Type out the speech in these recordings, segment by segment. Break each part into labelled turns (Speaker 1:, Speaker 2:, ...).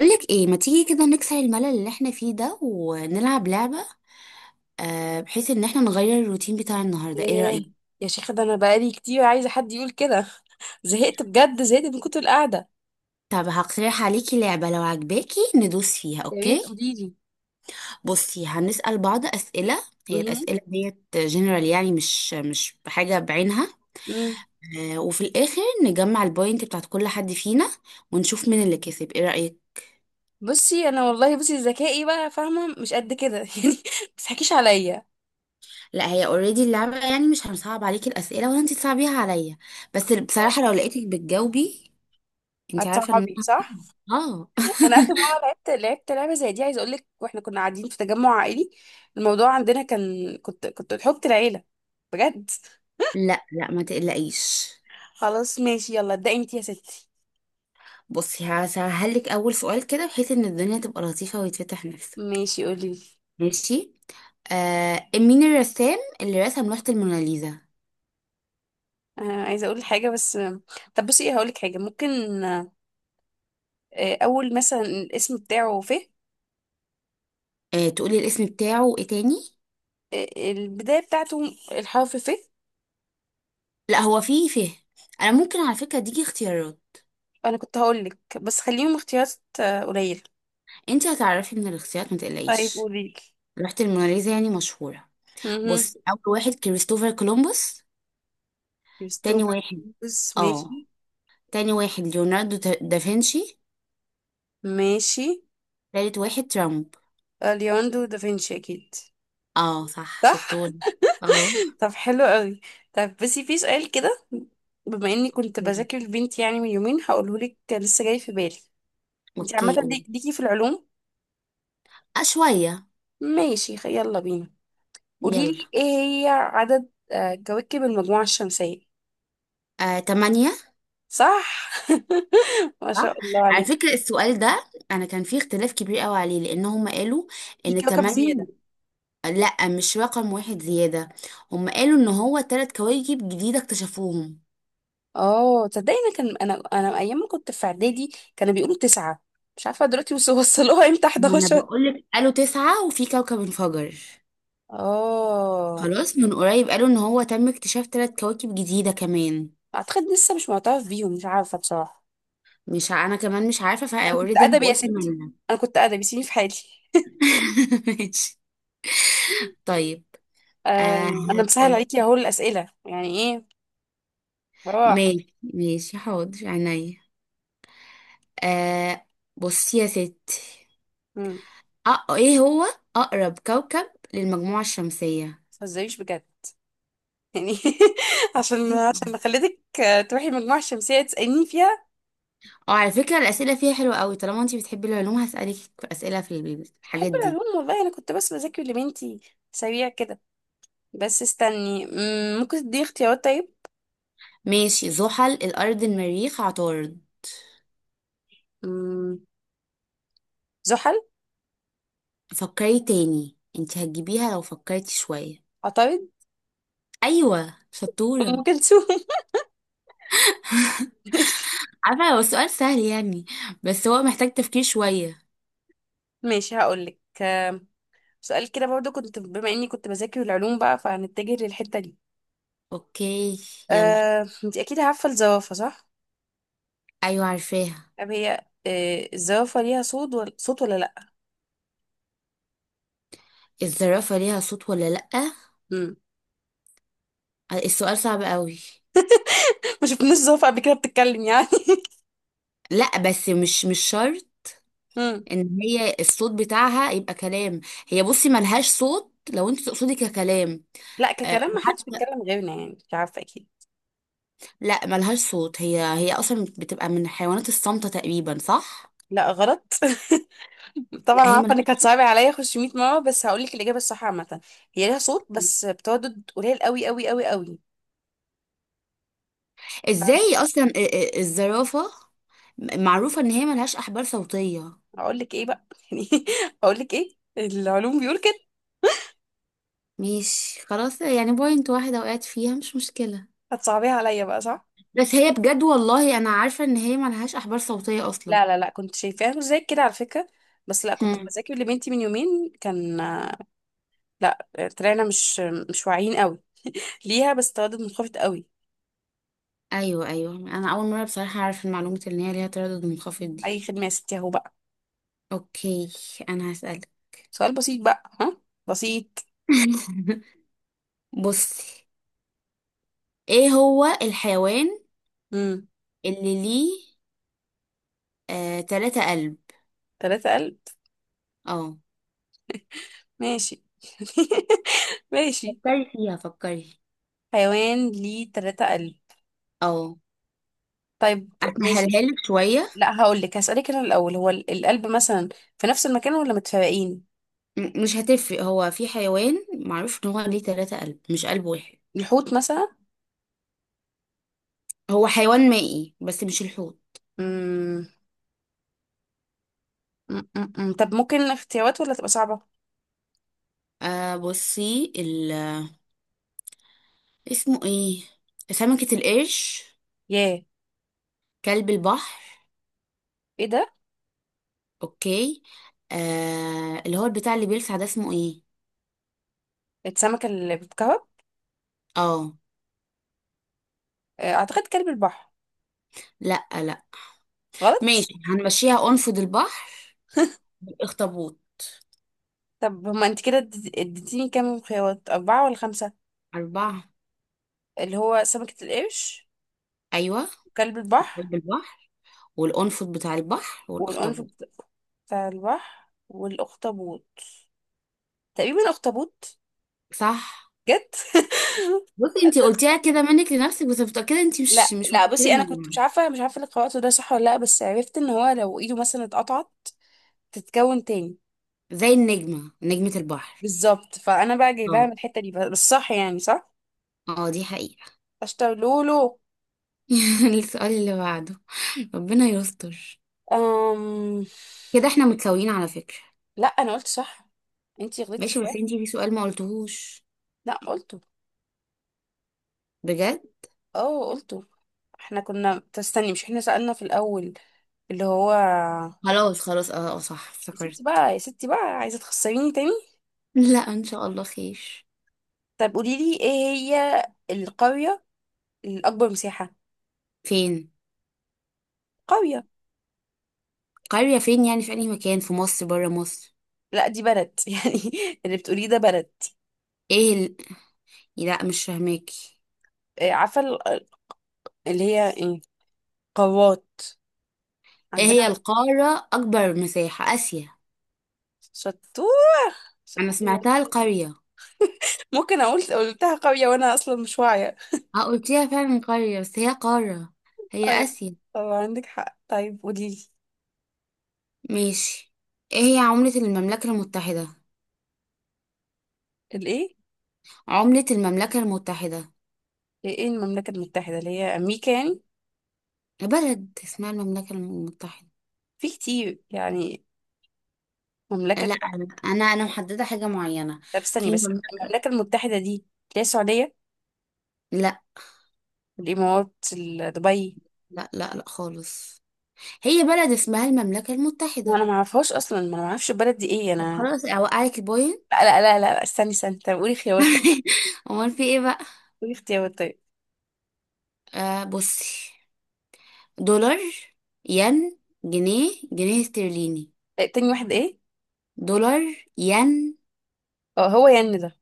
Speaker 1: بقولك ايه ما تيجي كده نكسر الملل اللي احنا فيه ده ونلعب لعبة، بحيث ان احنا نغير الروتين بتاع النهاردة. ايه
Speaker 2: ايه،
Speaker 1: رأيك؟
Speaker 2: يا شيخة، ده انا بقالي كتير عايزة حد يقول كده. زهقت بجد، زهقت من كتر القعدة.
Speaker 1: طب هقترح عليكي لعبة لو عجباكي ندوس فيها،
Speaker 2: يا ريت
Speaker 1: اوكي؟
Speaker 2: قوليلي.
Speaker 1: بصي هنسأل بعض أسئلة. هي
Speaker 2: مهم.
Speaker 1: الأسئلة ديت جنرال، يعني مش بحاجة بعينها.
Speaker 2: مم.
Speaker 1: وفي الآخر نجمع البوينت بتاعت كل حد فينا ونشوف مين اللي كسب. ايه رأيك؟
Speaker 2: بصي انا والله، بصي ذكائي بقى فاهمة مش قد كده. يعني ما تضحكيش عليا.
Speaker 1: لا هي اوريدي اللعبة، يعني مش هنصعب عليكي الأسئلة ولا انتي تصعبيها عليا. بس
Speaker 2: اه،
Speaker 1: بصراحة لو لقيتك بتجاوبي، انت عارفه ان
Speaker 2: هتصعبي صح.
Speaker 1: اه.
Speaker 2: انا اخر مرة لعبت لعبة زي دي، عايزة اقول لك، واحنا كنا قاعدين في تجمع عائلي. الموضوع عندنا كان، كنت حب العيلة بجد.
Speaker 1: لا لا، ما تقلقيش.
Speaker 2: خلاص ماشي، يلا ابدأي انتي يا ستي.
Speaker 1: بصي هسهل لك اول سؤال كده، بحيث ان الدنيا تبقى لطيفه ويتفتح نفسك.
Speaker 2: ماشي قولي.
Speaker 1: ماشي. مين الرسام اللي رسم لوحه الموناليزا؟
Speaker 2: آه، عايزة اقول حاجة بس. طب بصي، ايه، هقول لك حاجة ممكن. اول مثلا الاسم بتاعه، ف...
Speaker 1: آه، تقولي الاسم بتاعه وايه تاني.
Speaker 2: البدايه بتاعته الحرف ف...
Speaker 1: لا هو في فهم، انا ممكن على فكره اديكي اختيارات.
Speaker 2: انا كنت هقول لك، بس خليهم اختيارات قليله.
Speaker 1: انت هتعرفي من الاختيارات، ما
Speaker 2: طيب
Speaker 1: تقلقيش.
Speaker 2: قولي لي.
Speaker 1: لوحه الموناليزا يعني مشهوره.
Speaker 2: امم.
Speaker 1: بصي، اول واحد كريستوفر كولومبوس. تاني
Speaker 2: كريستوفر
Speaker 1: واحد
Speaker 2: كولومبوس،
Speaker 1: اه
Speaker 2: ماشي.
Speaker 1: تاني واحد ليوناردو دافنشي.
Speaker 2: ماشي.
Speaker 1: تالت واحد ترامب.
Speaker 2: ليوناردو دافنشي اكيد.
Speaker 1: اه، صح،
Speaker 2: صح.
Speaker 1: شطور. اه.
Speaker 2: طب حلو قوي. طب، بس في سؤال كده، بما اني كنت
Speaker 1: مم.
Speaker 2: بذاكر البنت يعني من يومين، هقوله لك لسه جاي في بالي. انت عامه
Speaker 1: اوكي قول.
Speaker 2: ليكي في العلوم؟
Speaker 1: آه، شوية.
Speaker 2: ماشي، يلا بينا. قولي
Speaker 1: يلا.
Speaker 2: لي، ايه هي عدد كواكب المجموعه الشمسيه؟
Speaker 1: آه، 8.
Speaker 2: صح. ما
Speaker 1: صح.
Speaker 2: شاء الله
Speaker 1: على
Speaker 2: عليك.
Speaker 1: فكرة السؤال ده أنا كان فيه اختلاف كبير قوي عليه، لأن هم قالوا
Speaker 2: في
Speaker 1: إن
Speaker 2: كوكب
Speaker 1: 8.
Speaker 2: زيادة.
Speaker 1: لأ، مش رقم واحد زيادة، هم قالوا إن هو 3 كواكب جديدة اكتشفوهم.
Speaker 2: اه، تصدقي، انا انا ايام ما كنت في اعدادي كانوا بيقولوا تسعة. مش عارفة دلوقتي، وصلوها امتى
Speaker 1: ما أنا
Speaker 2: 11؟
Speaker 1: بقولك قالوا 9 وفي كوكب انفجر.
Speaker 2: اه،
Speaker 1: خلاص، من قريب قالوا إن هو تم اكتشاف 3 كواكب جديدة كمان.
Speaker 2: اعتقد لسه مش معترف بيهم، مش عارفة بصراحة.
Speaker 1: مش ع- أنا كمان مش عارفة،
Speaker 2: انا كنت
Speaker 1: فأوريدي أنا
Speaker 2: ادبي يا
Speaker 1: بقول
Speaker 2: ستي،
Speaker 1: 8.
Speaker 2: انا كنت ادبي سيبني في حالي.
Speaker 1: ماشي. طيب. آه
Speaker 2: آه، انا مسهل
Speaker 1: هقول.
Speaker 2: عليكي اهو الاسئلة، يعني ايه. بروح.
Speaker 1: ماشي ماشي، حاضر عينيا. آه بصي يا ستي.
Speaker 2: ما
Speaker 1: ايه هو اقرب كوكب للمجموعة الشمسية؟
Speaker 2: تهزريش بجد يعني. عشان خليتك تروحي المجموعة الشمسية تسأليني فيها.
Speaker 1: اه، على فكرة الأسئلة فيها حلوة قوي، طالما انتي بتحبي العلوم هسألك في أسئلة في
Speaker 2: بحب
Speaker 1: الحاجات دي.
Speaker 2: العلوم والله، انا كنت بس بذاكر لبنتي سريع كده. بس استني، ممكن تدي اختيارات طيب؟
Speaker 1: ماشي، زحل، الأرض، المريخ، عطارد.
Speaker 2: مم، زحل.
Speaker 1: فكري تاني، انتي هتجيبيها لو فكرتي شوية.
Speaker 2: عطارد.
Speaker 1: أيوة،
Speaker 2: ام
Speaker 1: شطورة.
Speaker 2: كلثوم. ماشي.
Speaker 1: عارفة هو السؤال سهل يعني، بس هو محتاج تفكير شوية.
Speaker 2: ماشي هقولك. سؤال كده برضو، كنت بما اني كنت بذاكر العلوم بقى، فهنتجه للحتة دي.
Speaker 1: اوكي. يلا.
Speaker 2: انت اكيد عارفة الزرافة صح؟
Speaker 1: أيوة، عارفاها.
Speaker 2: طب هي الزرافة ليها صوت ولا صوت ولا لا؟
Speaker 1: الزرافة ليها صوت ولا لأ؟
Speaker 2: مم.
Speaker 1: السؤال صعب قوي.
Speaker 2: ما شفناش زرافة قبل كده بتتكلم يعني.
Speaker 1: لأ، بس مش شرط
Speaker 2: مم.
Speaker 1: ان هي الصوت بتاعها يبقى كلام. هي بصي ملهاش صوت لو انت تقصدي ككلام.
Speaker 2: لا، ككلام ما حدش
Speaker 1: وحتى
Speaker 2: بيتكلم غيرنا، يعني مش عارفة اكيد.
Speaker 1: لا، ملهاش صوت. هي اصلا بتبقى من الحيوانات الصامتة تقريبا، صح؟
Speaker 2: لا غلط. طبعا
Speaker 1: لا
Speaker 2: انا
Speaker 1: هي
Speaker 2: عارفه انك
Speaker 1: ملهاش
Speaker 2: هتصعبي عليا، اخش 100 مره، بس هقول لك الاجابه الصح عامه. هي ليها صوت،
Speaker 1: صوت.
Speaker 2: بس بتردد قليل قوي قوي قوي قوي.
Speaker 1: ازاي اصلا الزرافة معروفة ان هي ملهاش احبال صوتية.
Speaker 2: هقول لك ايه بقى؟ يعني هقول لك ايه، العلوم بيقول كده.
Speaker 1: مش خلاص يعني، بوينت واحدة وقعت فيها، مش مشكلة.
Speaker 2: هتصعبيها عليا بقى، صح؟
Speaker 1: بس هي بجد والله انا عارفة ان هي ملهاش احبال صوتية اصلا.
Speaker 2: لا لا لا، كنت شايفاها مش زي كده على فكره، بس لا، كنت
Speaker 1: هم.
Speaker 2: بذاكر لبنتي من يومين كان... لا، طلعنا مش واعيين قوي ليها، بس تردد منخفض قوي.
Speaker 1: ايوه، ايوه، انا اول مره بصراحه اعرف المعلومه ان هي ليها تردد منخفض دي.
Speaker 2: اي خدمه يا ستي اهو بقى.
Speaker 1: اوكي. انا هسألك.
Speaker 2: سؤال بسيط بقى، ها، بسيط.
Speaker 1: بصي، ايه هو الحيوان
Speaker 2: امم.
Speaker 1: اللي ليه 3 قلب؟
Speaker 2: 3000.
Speaker 1: اه،
Speaker 2: ماشي. ماشي.
Speaker 1: فكري فيها، فكري.
Speaker 2: حيوان ليه تلاتة قلب؟
Speaker 1: اه،
Speaker 2: طيب، ماشي.
Speaker 1: اسهلها لك شويه.
Speaker 2: لا هقول لك، هسألك انا الأول، هو القلب مثلا في نفس المكان ولا متفرقين؟
Speaker 1: مش هتفرق، هو في حيوان معروف ان هو ليه 3 قلب مش قلب واحد.
Speaker 2: الحوت مثلا.
Speaker 1: هو حيوان مائي بس مش الحوت.
Speaker 2: مم. مم. مم. مم. طب ممكن اختيارات ولا تبقى صعبة؟
Speaker 1: بصي ال، اسمه ايه؟ سمكة القرش؟
Speaker 2: ياه.
Speaker 1: كلب البحر؟
Speaker 2: ايه ده؟
Speaker 1: اوكي. اللي هو بتاع اللي بيلسع ده اسمه ايه؟
Speaker 2: السمكة اللي بتكهرب.
Speaker 1: اه.
Speaker 2: اعتقد كلب البحر.
Speaker 1: لا لا.
Speaker 2: غلط؟
Speaker 1: ماشي، هنمشيها انفض البحر بالاخطبوط.
Speaker 2: طب هما انت كده اديتيني كام خيارات، أربعة ولا خمسة؟
Speaker 1: 4.
Speaker 2: اللي هو سمكة القرش،
Speaker 1: ايوه.
Speaker 2: وكلب البحر،
Speaker 1: قلب البحر والانفض بتاع البحر
Speaker 2: والقنفذ
Speaker 1: والاخطبوط.
Speaker 2: بتاع البحر، والأخطبوط. تقريبا أخطبوط.
Speaker 1: صح.
Speaker 2: جد؟
Speaker 1: بصي، انتي قلتيها كده منك لنفسك، بس متأكدة انتي مش
Speaker 2: لا
Speaker 1: مش
Speaker 2: لا،
Speaker 1: متأكدة
Speaker 2: بصي، انا كنت
Speaker 1: منها.
Speaker 2: مش عارفه الخواطر ده صح ولا لا، بس عرفت ان هو لو ايده مثلا اتقطعت تتكون تاني.
Speaker 1: زي النجمة، نجمة البحر.
Speaker 2: بالظبط، فانا بقى جايباها من
Speaker 1: اه،
Speaker 2: الحته دي، بس صح يعني صح.
Speaker 1: اه، دي حقيقة.
Speaker 2: اشتر لولو.
Speaker 1: السؤال اللي بعده، ربنا يستر.
Speaker 2: أم...
Speaker 1: كده احنا متساويين، على فكرة.
Speaker 2: لا، انا قلت صح، انتي غلطتي في
Speaker 1: ماشي، بس
Speaker 2: واحد.
Speaker 1: انتي في سؤال ما قلتهوش.
Speaker 2: لا قلته.
Speaker 1: بجد.
Speaker 2: اه قلته. احنا كنا، تستني، مش احنا سألنا في الاول، اللي هو...
Speaker 1: خلاص، خلاص، اه، صح
Speaker 2: يا ستي
Speaker 1: افتكرت.
Speaker 2: بقى، يا ستي بقى، عايزه تخسريني تاني.
Speaker 1: لا، ان شاء الله خير.
Speaker 2: طب قولي لي، ايه هي القريه الاكبر مساحه؟
Speaker 1: فين؟
Speaker 2: قريه.
Speaker 1: قرية فين يعني، في اي مكان في مصر برا مصر؟
Speaker 2: لا، دي بلد يعني، اللي بتقوليه ده بلد.
Speaker 1: ايه لا، مش فاهماكي.
Speaker 2: عارفة اللي هي ايه، قوات
Speaker 1: ايه
Speaker 2: عندنا.
Speaker 1: هي القارة اكبر مساحة؟ اسيا.
Speaker 2: شطور،
Speaker 1: انا
Speaker 2: شطور.
Speaker 1: سمعتها القرية.
Speaker 2: ممكن اقول قلتها قوية وانا اصلا مش واعية.
Speaker 1: اه، قلتيها فعلا قرية، بس هي قارة. هي
Speaker 2: ايوه.
Speaker 1: اسيا.
Speaker 2: طبعا عندك حق. طيب قوليلي.
Speaker 1: ماشي. ايه هي عملة المملكة المتحدة؟
Speaker 2: الايه؟
Speaker 1: عملة المملكة المتحدة.
Speaker 2: ايه إيه، إيه المملكة المتحدة؟ اللي هي امريكا يعني؟
Speaker 1: بلد اسمها المملكة المتحدة.
Speaker 2: في كتير يعني مملكة،
Speaker 1: لا،
Speaker 2: طب...
Speaker 1: انا انا أنا محددة حاجة معينة.
Speaker 2: استني
Speaker 1: في
Speaker 2: بس،
Speaker 1: مملكة.
Speaker 2: المملكة المتحدة دي اللي هي السعودية؟
Speaker 1: لا
Speaker 2: الامارات، دبي؟
Speaker 1: لا لا لا، خالص. هي بلد اسمها المملكة
Speaker 2: ما
Speaker 1: المتحدة.
Speaker 2: انا ما اعرفهاش اصلا، ما انا ما اعرفش البلد دي ايه
Speaker 1: طب
Speaker 2: انا.
Speaker 1: خلاص، اوقعك البوينت.
Speaker 2: لا لا لا لا، استني استني، طب قولي خيارات طيب.
Speaker 1: امال في ايه بقى؟
Speaker 2: قولي اختيارات طيب.
Speaker 1: بصي، دولار، ين، جنيه استرليني.
Speaker 2: تاني واحد ايه؟
Speaker 1: دولار. ين.
Speaker 2: اه، هو ين ده؟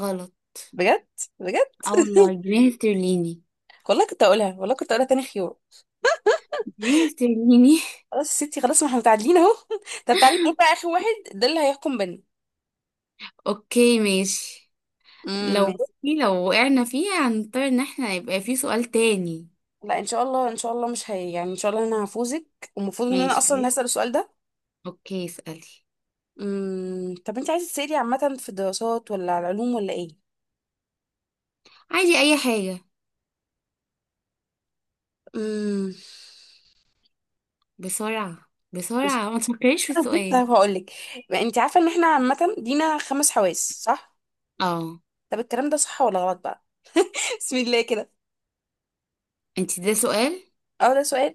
Speaker 1: غلط.
Speaker 2: بجد؟ بجد.
Speaker 1: اه والله، جنيه استرليني.
Speaker 2: والله كنت اقولها، والله كنت اقولها تاني خيار.
Speaker 1: جنيه استرليني.
Speaker 2: خلاص يا ستي، خلاص، ما احنا متعادلين اهو. طب تعالي نقول بقى اخر واحد، ده اللي هيحكم بينا.
Speaker 1: اوكي ماشي.
Speaker 2: امم، ماشي.
Speaker 1: بصي، لو وقعنا فيها هنضطر ان احنا يبقى في سؤال تاني.
Speaker 2: لا، ان شاء الله، ان شاء الله مش هي يعني، ان شاء الله انا هفوزك. والمفروض ان انا اصلا اللي
Speaker 1: ماشي.
Speaker 2: هسأل السؤال ده.
Speaker 1: اوكي، اسألي.
Speaker 2: امم، طب انت عايزه تسألي عامه في الدراسات ولا على العلوم ولا ايه؟
Speaker 1: عادي، اي حاجة.
Speaker 2: امم.
Speaker 1: بسرعة
Speaker 2: بص.
Speaker 1: بسرعة، ما تفكريش في السؤال.
Speaker 2: طب هقول لك، انت عارفه ان احنا عامه لينا خمس حواس صح؟
Speaker 1: اه.
Speaker 2: طب الكلام ده صح ولا غلط بقى؟ بسم الله كده.
Speaker 1: انت ده سؤال؟
Speaker 2: اه، ده سؤال.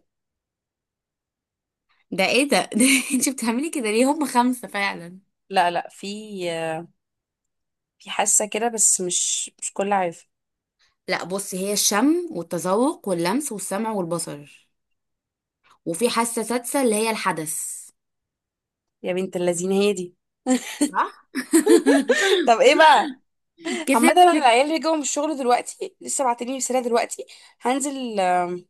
Speaker 1: ده ايه ده, ده انت بتعملي كده ليه؟ هم خمسة فعلا.
Speaker 2: لا لا، في حاسه كده، بس مش كل عارف.
Speaker 1: لا بصي، هي الشم والتذوق واللمس والسمع والبصر، وفي حاسة سادسة اللي هي الحدث.
Speaker 2: يا بنت اللذين هي دي.
Speaker 1: صح.
Speaker 2: طب ايه بقى؟ عامه انا
Speaker 1: كسبت.
Speaker 2: العيال اللي جاوا من الشغل دلوقتي لسه بعتني رساله دلوقتي، هنزل.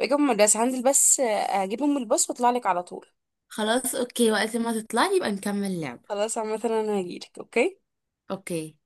Speaker 2: جاوا من المدرسه، هنزل بس اجيبهم من الباص واطلع لك على طول.
Speaker 1: خلاص اوكي، وقت ما تطلعي يبقى نكمل لعب.
Speaker 2: خلاص، عامه انا هجيلك. اوكي.
Speaker 1: اوكي.